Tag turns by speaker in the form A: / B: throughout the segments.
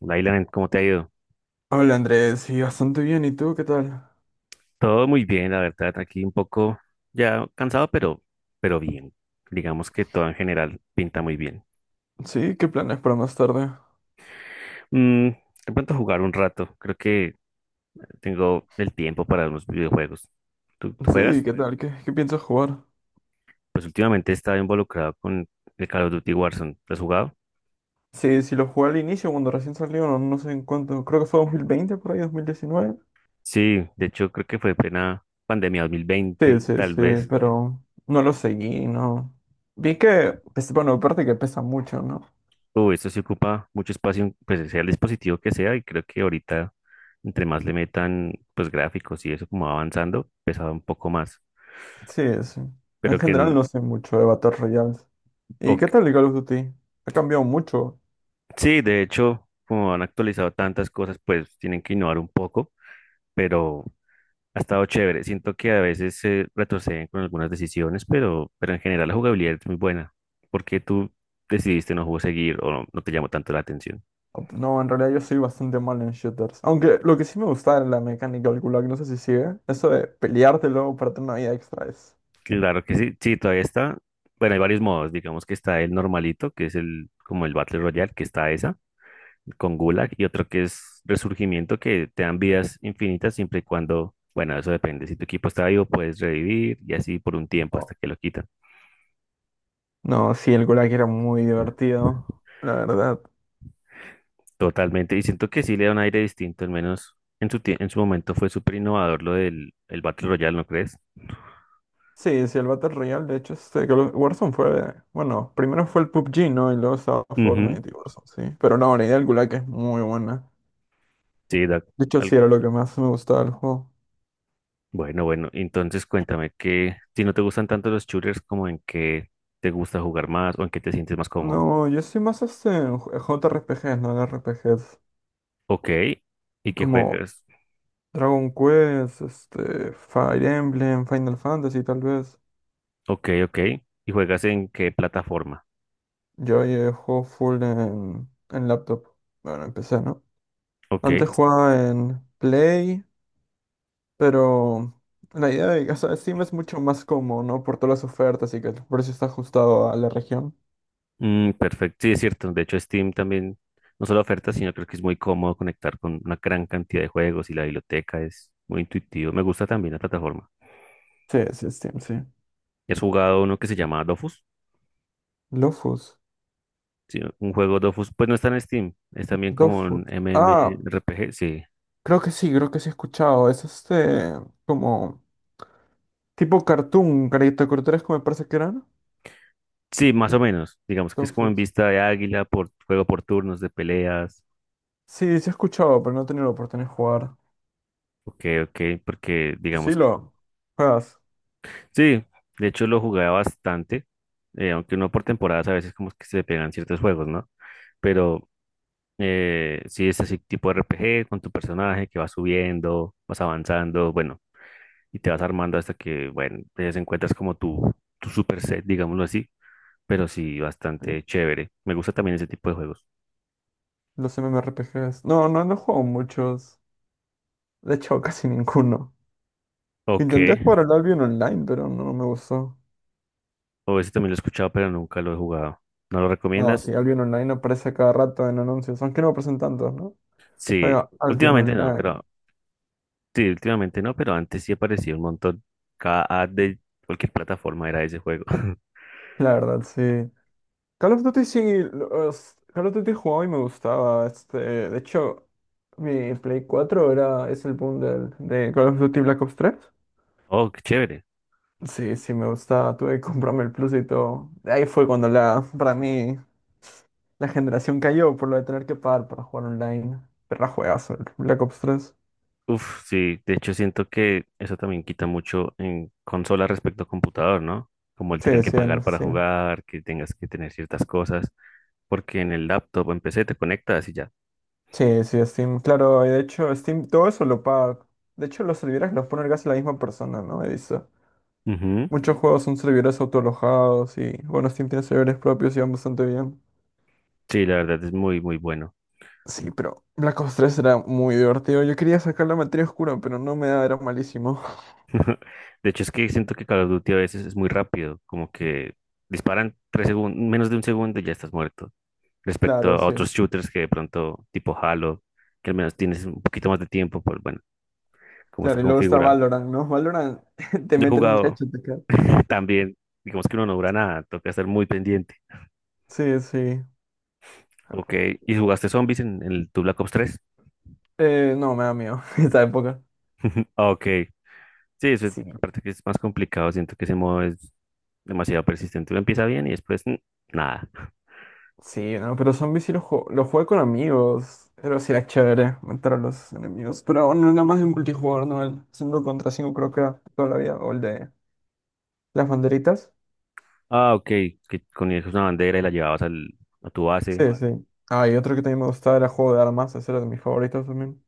A: Lailan, ¿cómo te ha ido?
B: Hola Andrés, sí, bastante bien. ¿Y tú qué tal?
A: Todo muy bien, la verdad, aquí un poco ya cansado, pero bien. Digamos que todo en general pinta muy bien.
B: Sí, ¿qué planes para más tarde?
A: De pronto jugar un rato, creo que tengo el tiempo para unos videojuegos. ¿Tú
B: Sí,
A: juegas?
B: ¿qué tal? ¿Qué piensas jugar?
A: Pues últimamente he estado involucrado con el Call of Duty Warzone. ¿Lo has jugado?
B: Sí, sí lo jugué al inicio cuando recién salió, no, no sé en cuánto. Creo que fue 2020 por ahí, 2019.
A: Sí, de hecho creo que fue plena pandemia dos mil
B: Sí,
A: veinte,
B: sí, sí,
A: tal vez.
B: pero no lo seguí, no. Vi que, pues, bueno, aparte que pesa mucho, ¿no?
A: Uy, esto sí ocupa mucho espacio, pues sea el dispositivo que sea, y creo que ahorita, entre más le metan, pues gráficos y eso como va avanzando, pesaba un poco más.
B: Sí, sí. En
A: Pero que,
B: general
A: en-
B: no sé mucho de Battle Royales.
A: o-
B: ¿Y qué
A: que-
B: tal el Call of Duty? Ha cambiado mucho.
A: Sí, de hecho, como han actualizado tantas cosas, pues tienen que innovar un poco. Pero ha estado chévere. Siento que a veces se retroceden con algunas decisiones, pero en general la jugabilidad es muy buena. ¿Por qué tú decidiste no jugar seguir o no, no te llamó tanto la atención?
B: No, en realidad yo soy bastante mal en shooters. Aunque lo que sí me gusta de la mecánica del Gulag, no sé si sigue, eso de pelearte luego para tener una vida extra es.
A: Claro que sí, sí, todavía está. Bueno, hay varios modos. Digamos que está el normalito, que es el como el Battle Royale, que está esa. Con Gulag y otro que es Resurgimiento, que te dan vidas infinitas siempre y cuando, bueno, eso depende. Si tu equipo está vivo, puedes revivir y así por un tiempo
B: Oh.
A: hasta que lo quitan.
B: No, sí, el Gulag era muy divertido, la verdad.
A: Totalmente. Y siento que sí le da un aire distinto, al menos en su momento fue súper innovador lo del el Battle Royale, ¿no crees?
B: Sí, sí, el Battle Royale, de hecho, este, Warzone fue. Bueno, primero fue el PUBG, ¿no? Y luego estaba
A: Ujú.
B: Fortnite y Warzone, sí. Pero no, la idea del Gulag es muy buena.
A: Sí,
B: De hecho, sí,
A: al-
B: era lo que más me gustaba del juego.
A: bueno, bueno, entonces cuéntame que si no te gustan tanto los shooters, como en qué te gusta jugar más o en qué te sientes más cómodo.
B: No, yo soy más este en JRPGs, no en RPGs.
A: Ok, y qué
B: Como
A: juegas.
B: Dragon Quest, este, Fire Emblem, Final Fantasy tal vez.
A: Ok, ok, y juegas en qué plataforma.
B: Yo ahí juego full en laptop. Bueno, empecé, ¿no?
A: Ok,
B: Antes jugaba en Play, pero la idea de, o sea, Steam es mucho más cómodo, ¿no? Por todas las ofertas y que el precio está ajustado a la región.
A: perfecto. Sí, es cierto. De hecho, Steam también no solo oferta, sino creo que es muy cómodo conectar con una gran cantidad de juegos y la biblioteca es muy intuitivo. Me gusta también la plataforma.
B: Sí, sí, Steam, sí.
A: ¿Has jugado uno que se llama Dofus?
B: Lofus,
A: Sí, un juego Dofus, pues no está en Steam, es también como un
B: LoFuS. Ah,
A: MMORPG, sí.
B: creo que sí he escuchado. Es este, como, tipo cartoon, caricaturas como me parece que eran.
A: Sí, más o menos. Digamos que es como en
B: Dofus.
A: vista de águila, por juego por turnos de peleas.
B: Sí, sí he escuchado, pero no he tenido la oportunidad de jugar.
A: Ok, ok, porque
B: ¿Tú sí
A: digamos.
B: lo juegas?
A: Sí, de hecho lo jugaba bastante, aunque no por temporadas, a veces como que se pegan ciertos juegos, ¿no? Pero sí es así tipo RPG con tu personaje que vas subiendo, vas avanzando, bueno, y te vas armando hasta que, bueno, te encuentras como tu super set, digámoslo así, pero sí
B: eh,
A: bastante chévere. Me gusta también ese tipo de juegos.
B: Los MMORPGs. No, no, no he jugado muchos. De hecho, casi ninguno.
A: Ok,
B: Intenté jugar al Albion Online, pero no no me gustó.
A: o ese también lo he escuchado, pero nunca lo he jugado. ¿No lo
B: No, sí,
A: recomiendas?
B: Albion Online aparece cada rato en anuncios, aunque no aparecen tantos, ¿no?
A: Sí,
B: Juega Albion
A: últimamente no,
B: Online.
A: pero Sí, últimamente no, pero antes sí aparecía un montón. Cada ad de cualquier plataforma era ese juego.
B: La verdad, sí. Call of Duty sí, Call of Duty jugaba y me gustaba. Este, de hecho, mi Play 4 era, es el bundle de Call of Duty Black Ops 3.
A: Oh, qué chévere.
B: Sí, sí, me gustaba. Tuve que comprarme el Plus y todo. Ahí fue cuando la, para mí, la generación cayó por lo de tener que pagar para jugar online. Pero la juegazo, el Black Ops 3.
A: Uf, sí, de hecho siento que eso también quita mucho en consola respecto a computador, ¿no? Como el tener
B: Sí,
A: que
B: sí,
A: pagar
B: en
A: para
B: Steam.
A: jugar, que tengas que tener ciertas cosas, porque en el laptop o en PC te conectas y ya.
B: Sí, sí, Steam. Claro, y de hecho, Steam, todo eso lo paga. De hecho, los servidores los pone casi la misma persona, ¿no? He visto.
A: Ujú.
B: Muchos juegos son servidores autoalojados y, bueno, Steam tiene servidores propios y van bastante bien.
A: Sí, la verdad es muy, muy bueno.
B: Sí, pero Black Ops 3 era muy divertido. Yo quería sacar la materia oscura, pero no me da, era malísimo.
A: De hecho es que siento que Call of Duty a veces es muy rápido, como que disparan 3 segundos, menos de un segundo y ya estás muerto. Respecto
B: Claro,
A: a
B: sí.
A: otros shooters que de pronto, tipo Halo, que al menos tienes un poquito más de tiempo por, bueno, cómo está
B: Claro, y luego está
A: configurado.
B: Valorant, ¿no? Valorant te
A: Yo he
B: meten un
A: jugado
B: headshot acá.
A: también, digamos que uno no dura nada, toca estar muy pendiente.
B: Sí, sí.
A: Ok,
B: Aló.
A: ¿y jugaste zombies en tu Black Ops 3?
B: No, me da miedo esa época.
A: Ok, sí, eso es,
B: Sí,
A: aparte que es más complicado, siento que ese modo es demasiado persistente. Uno empieza bien y después nada.
B: sí, no, pero zombies sí los juego, los jugué con amigos. Pero sí era chévere matar a los enemigos. Pero aún no era más de multijugador, ¿no? El 5 contra 5 creo que era toda la vida. O el de las banderitas.
A: Ah, ok, que ponías una bandera y la llevabas a tu base.
B: Sí, sí. Ah, y otro que también me gustaba era juego de armas. Ese era de mis favoritos también.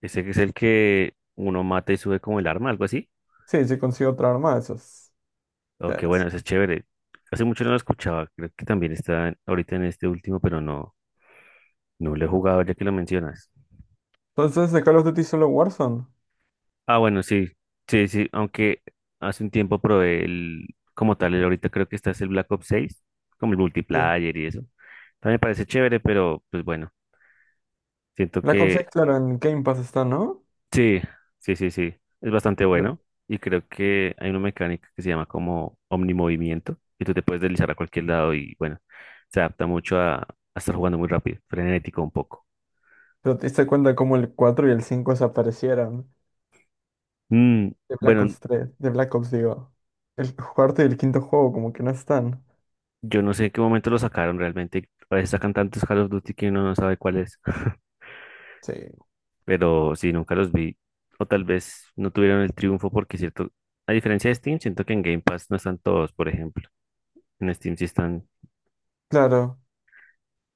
A: Ese que es el que uno mata y sube como el arma, algo así.
B: Sí, sí consigo otra arma, esos.
A: Oh, qué bueno,
B: Chéveres.
A: eso es chévere. Hace mucho no lo escuchaba, creo que también está ahorita en este último, pero no, no lo he jugado ya que lo mencionas.
B: Entonces, ¿de Call of Duty solo Warzone?
A: Ah, bueno, sí, sí, sí, aunque hace un tiempo probé el, como tal, el ahorita creo que está es el Black Ops 6, como el
B: Sí.
A: multiplayer y eso. También me parece chévere, pero pues bueno, siento
B: Black Ops 6,
A: que.
B: claro, en Game Pass está, ¿no?
A: Sí, sí, sí, sí. Es bastante
B: Pero
A: bueno. Y creo que hay una mecánica que se llama como omnimovimiento. Y tú te puedes deslizar a cualquier lado y bueno, se adapta mucho a estar jugando muy rápido, frenético un poco.
B: pero te diste cuenta cómo el 4 y el 5 desaparecieron
A: Mm,
B: de Black
A: bueno,
B: Ops 3, de Black Ops, digo. El cuarto y el quinto juego como que no están.
A: yo no sé en qué momento lo sacaron realmente. A veces sacan tantos Call of Duty que uno no sabe cuál es.
B: Sí.
A: Pero sí, nunca los vi. O tal vez no tuvieron el triunfo porque cierto, a diferencia de Steam, siento que en Game Pass no están todos, por ejemplo. En Steam sí están
B: Claro,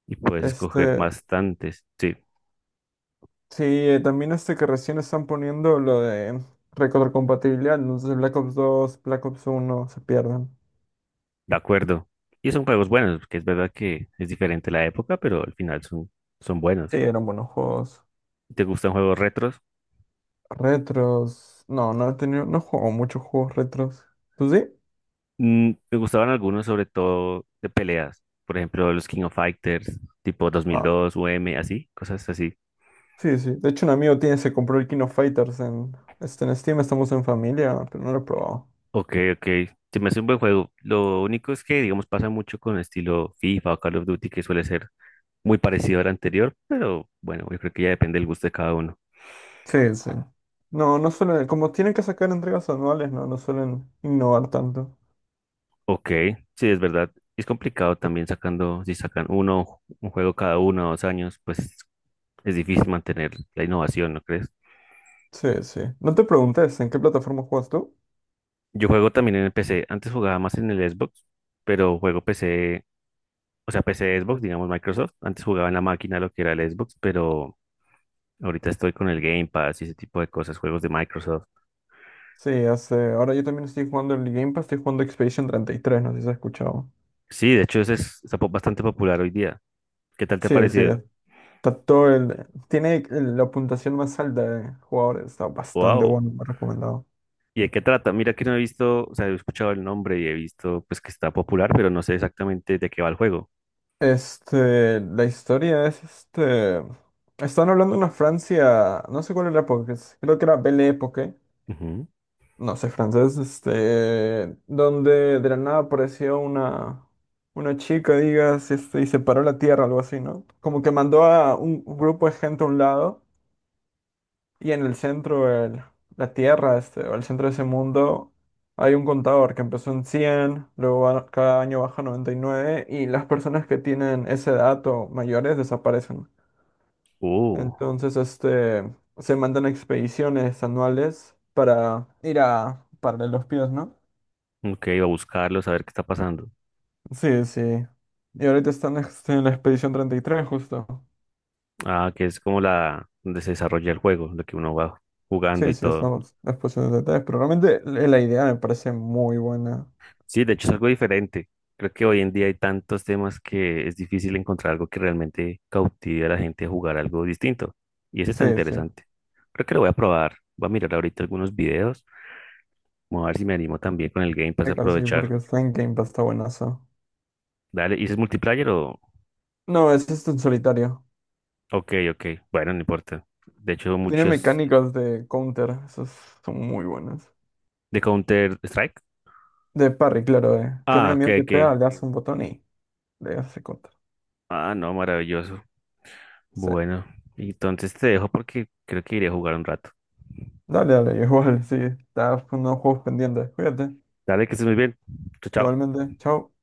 A: y puedes escoger
B: este,
A: bastantes. Sí.
B: sí, también este que recién están poniendo lo de retrocompatibilidad, ¿no? Entonces Black Ops 2, Black Ops 1 se pierden.
A: De acuerdo. Y son juegos buenos, porque es verdad que es diferente la época, pero al final son
B: Sí,
A: buenos.
B: eran buenos juegos.
A: ¿Te gustan juegos retros?
B: Retros, no, no he tenido, no juego muchos juegos retros. ¿Tú sí?
A: Me gustaban algunos, sobre todo de peleas. Por ejemplo, los King of Fighters, tipo 2002, UM, así, cosas así.
B: Sí, sí. De hecho, un amigo tiene, se compró el King of Fighters este, en Steam, estamos en familia, pero no lo he probado.
A: Ok, ok. Se me hace un buen juego. Lo único es que, digamos, pasa mucho con el estilo FIFA o Call of Duty, que suele ser muy parecido al anterior, pero bueno, yo creo que ya depende del gusto de cada uno.
B: Sí, sí. No, no suelen, como tienen que sacar entregas anuales, no, no suelen innovar tanto.
A: Ok, sí, es verdad. Es complicado también sacando, si sacan un juego cada uno o dos años, pues es difícil mantener la innovación, ¿no crees?
B: Sí, sí. No te preguntes, ¿en qué plataforma juegas tú?
A: Yo juego también en el PC. Antes jugaba más en el Xbox, pero juego PC, o sea, PC Xbox, digamos Microsoft. Antes jugaba en la máquina lo que era el Xbox, pero ahorita estoy con el Game Pass y ese tipo de cosas, juegos de Microsoft.
B: Sí, hace, ahora yo también estoy jugando el Game Pass, estoy jugando Expedition 33, no sé si has escuchado.
A: Sí, de hecho, ese es bastante popular hoy día. ¿Qué tal te ha
B: Sí, sí,
A: parecido?
B: está todo el, tiene el- la puntuación más alta de jugadores, está bastante
A: ¡Wow!
B: bueno, me ha recomendado.
A: ¿Y de qué trata? Mira que no he visto, o sea, he escuchado el nombre y he visto pues que está popular, pero no sé exactamente de qué va el juego.
B: Este, la historia es este. Están hablando de una Francia, no sé cuál era la época, creo que era Belle Époque,
A: Ujú.
B: no sé francés, este, donde de la nada apareció una chica, digas, este, y separó la tierra, algo así, ¿no? Como que mandó a un grupo de gente a un lado y en el centro, la Tierra, este, o el centro de ese mundo, hay un contador que empezó en 100 luego cada año baja a 99 y nueve y las personas que tienen esa edad o mayores desaparecen.
A: Oh,
B: Entonces, este, se mandan expediciones anuales para ir a pararle los pies, ¿no?
A: ok, voy a buscarlo, saber qué está pasando.
B: Sí, sí. Y ahorita están este, en la expedición 33 justo.
A: Ah, que es como la donde se desarrolla el juego, lo que uno va jugando
B: Sí,
A: y
B: sí,
A: todo.
B: estamos en la expedición 33, pero realmente la idea me parece muy buena.
A: Sí, de hecho es algo diferente. Creo que hoy en día hay tantos temas que es difícil encontrar algo que realmente cautive a la gente a jugar algo distinto. Y ese está
B: Sí, sí.
A: interesante. Creo que lo voy a probar. Voy a mirar ahorita algunos videos. Vamos a ver si me animo también con el Game Pass a
B: Sí, claro, sí,
A: aprovechar.
B: porque está en Game Pass, está buenazo.
A: Dale, ¿y ese es multiplayer o...?
B: No, es este en solitario.
A: Ok, ok, bueno, no importa. De hecho,
B: Tiene
A: muchos
B: mecánicas de counter, esas son muy buenas.
A: de Counter-Strike.
B: De parry, claro, de que un
A: Ah, ok,
B: enemigo te
A: ok.
B: pega, le hace un botón y le hace counter.
A: Ah, no, maravilloso.
B: Sí.
A: Bueno, entonces te dejo porque creo que iré a jugar un rato.
B: Dale, dale, igual, sí. Estás con unos juegos pendientes. Cuídate.
A: Dale, que estés muy bien. Chao, chao.
B: Igualmente, chao.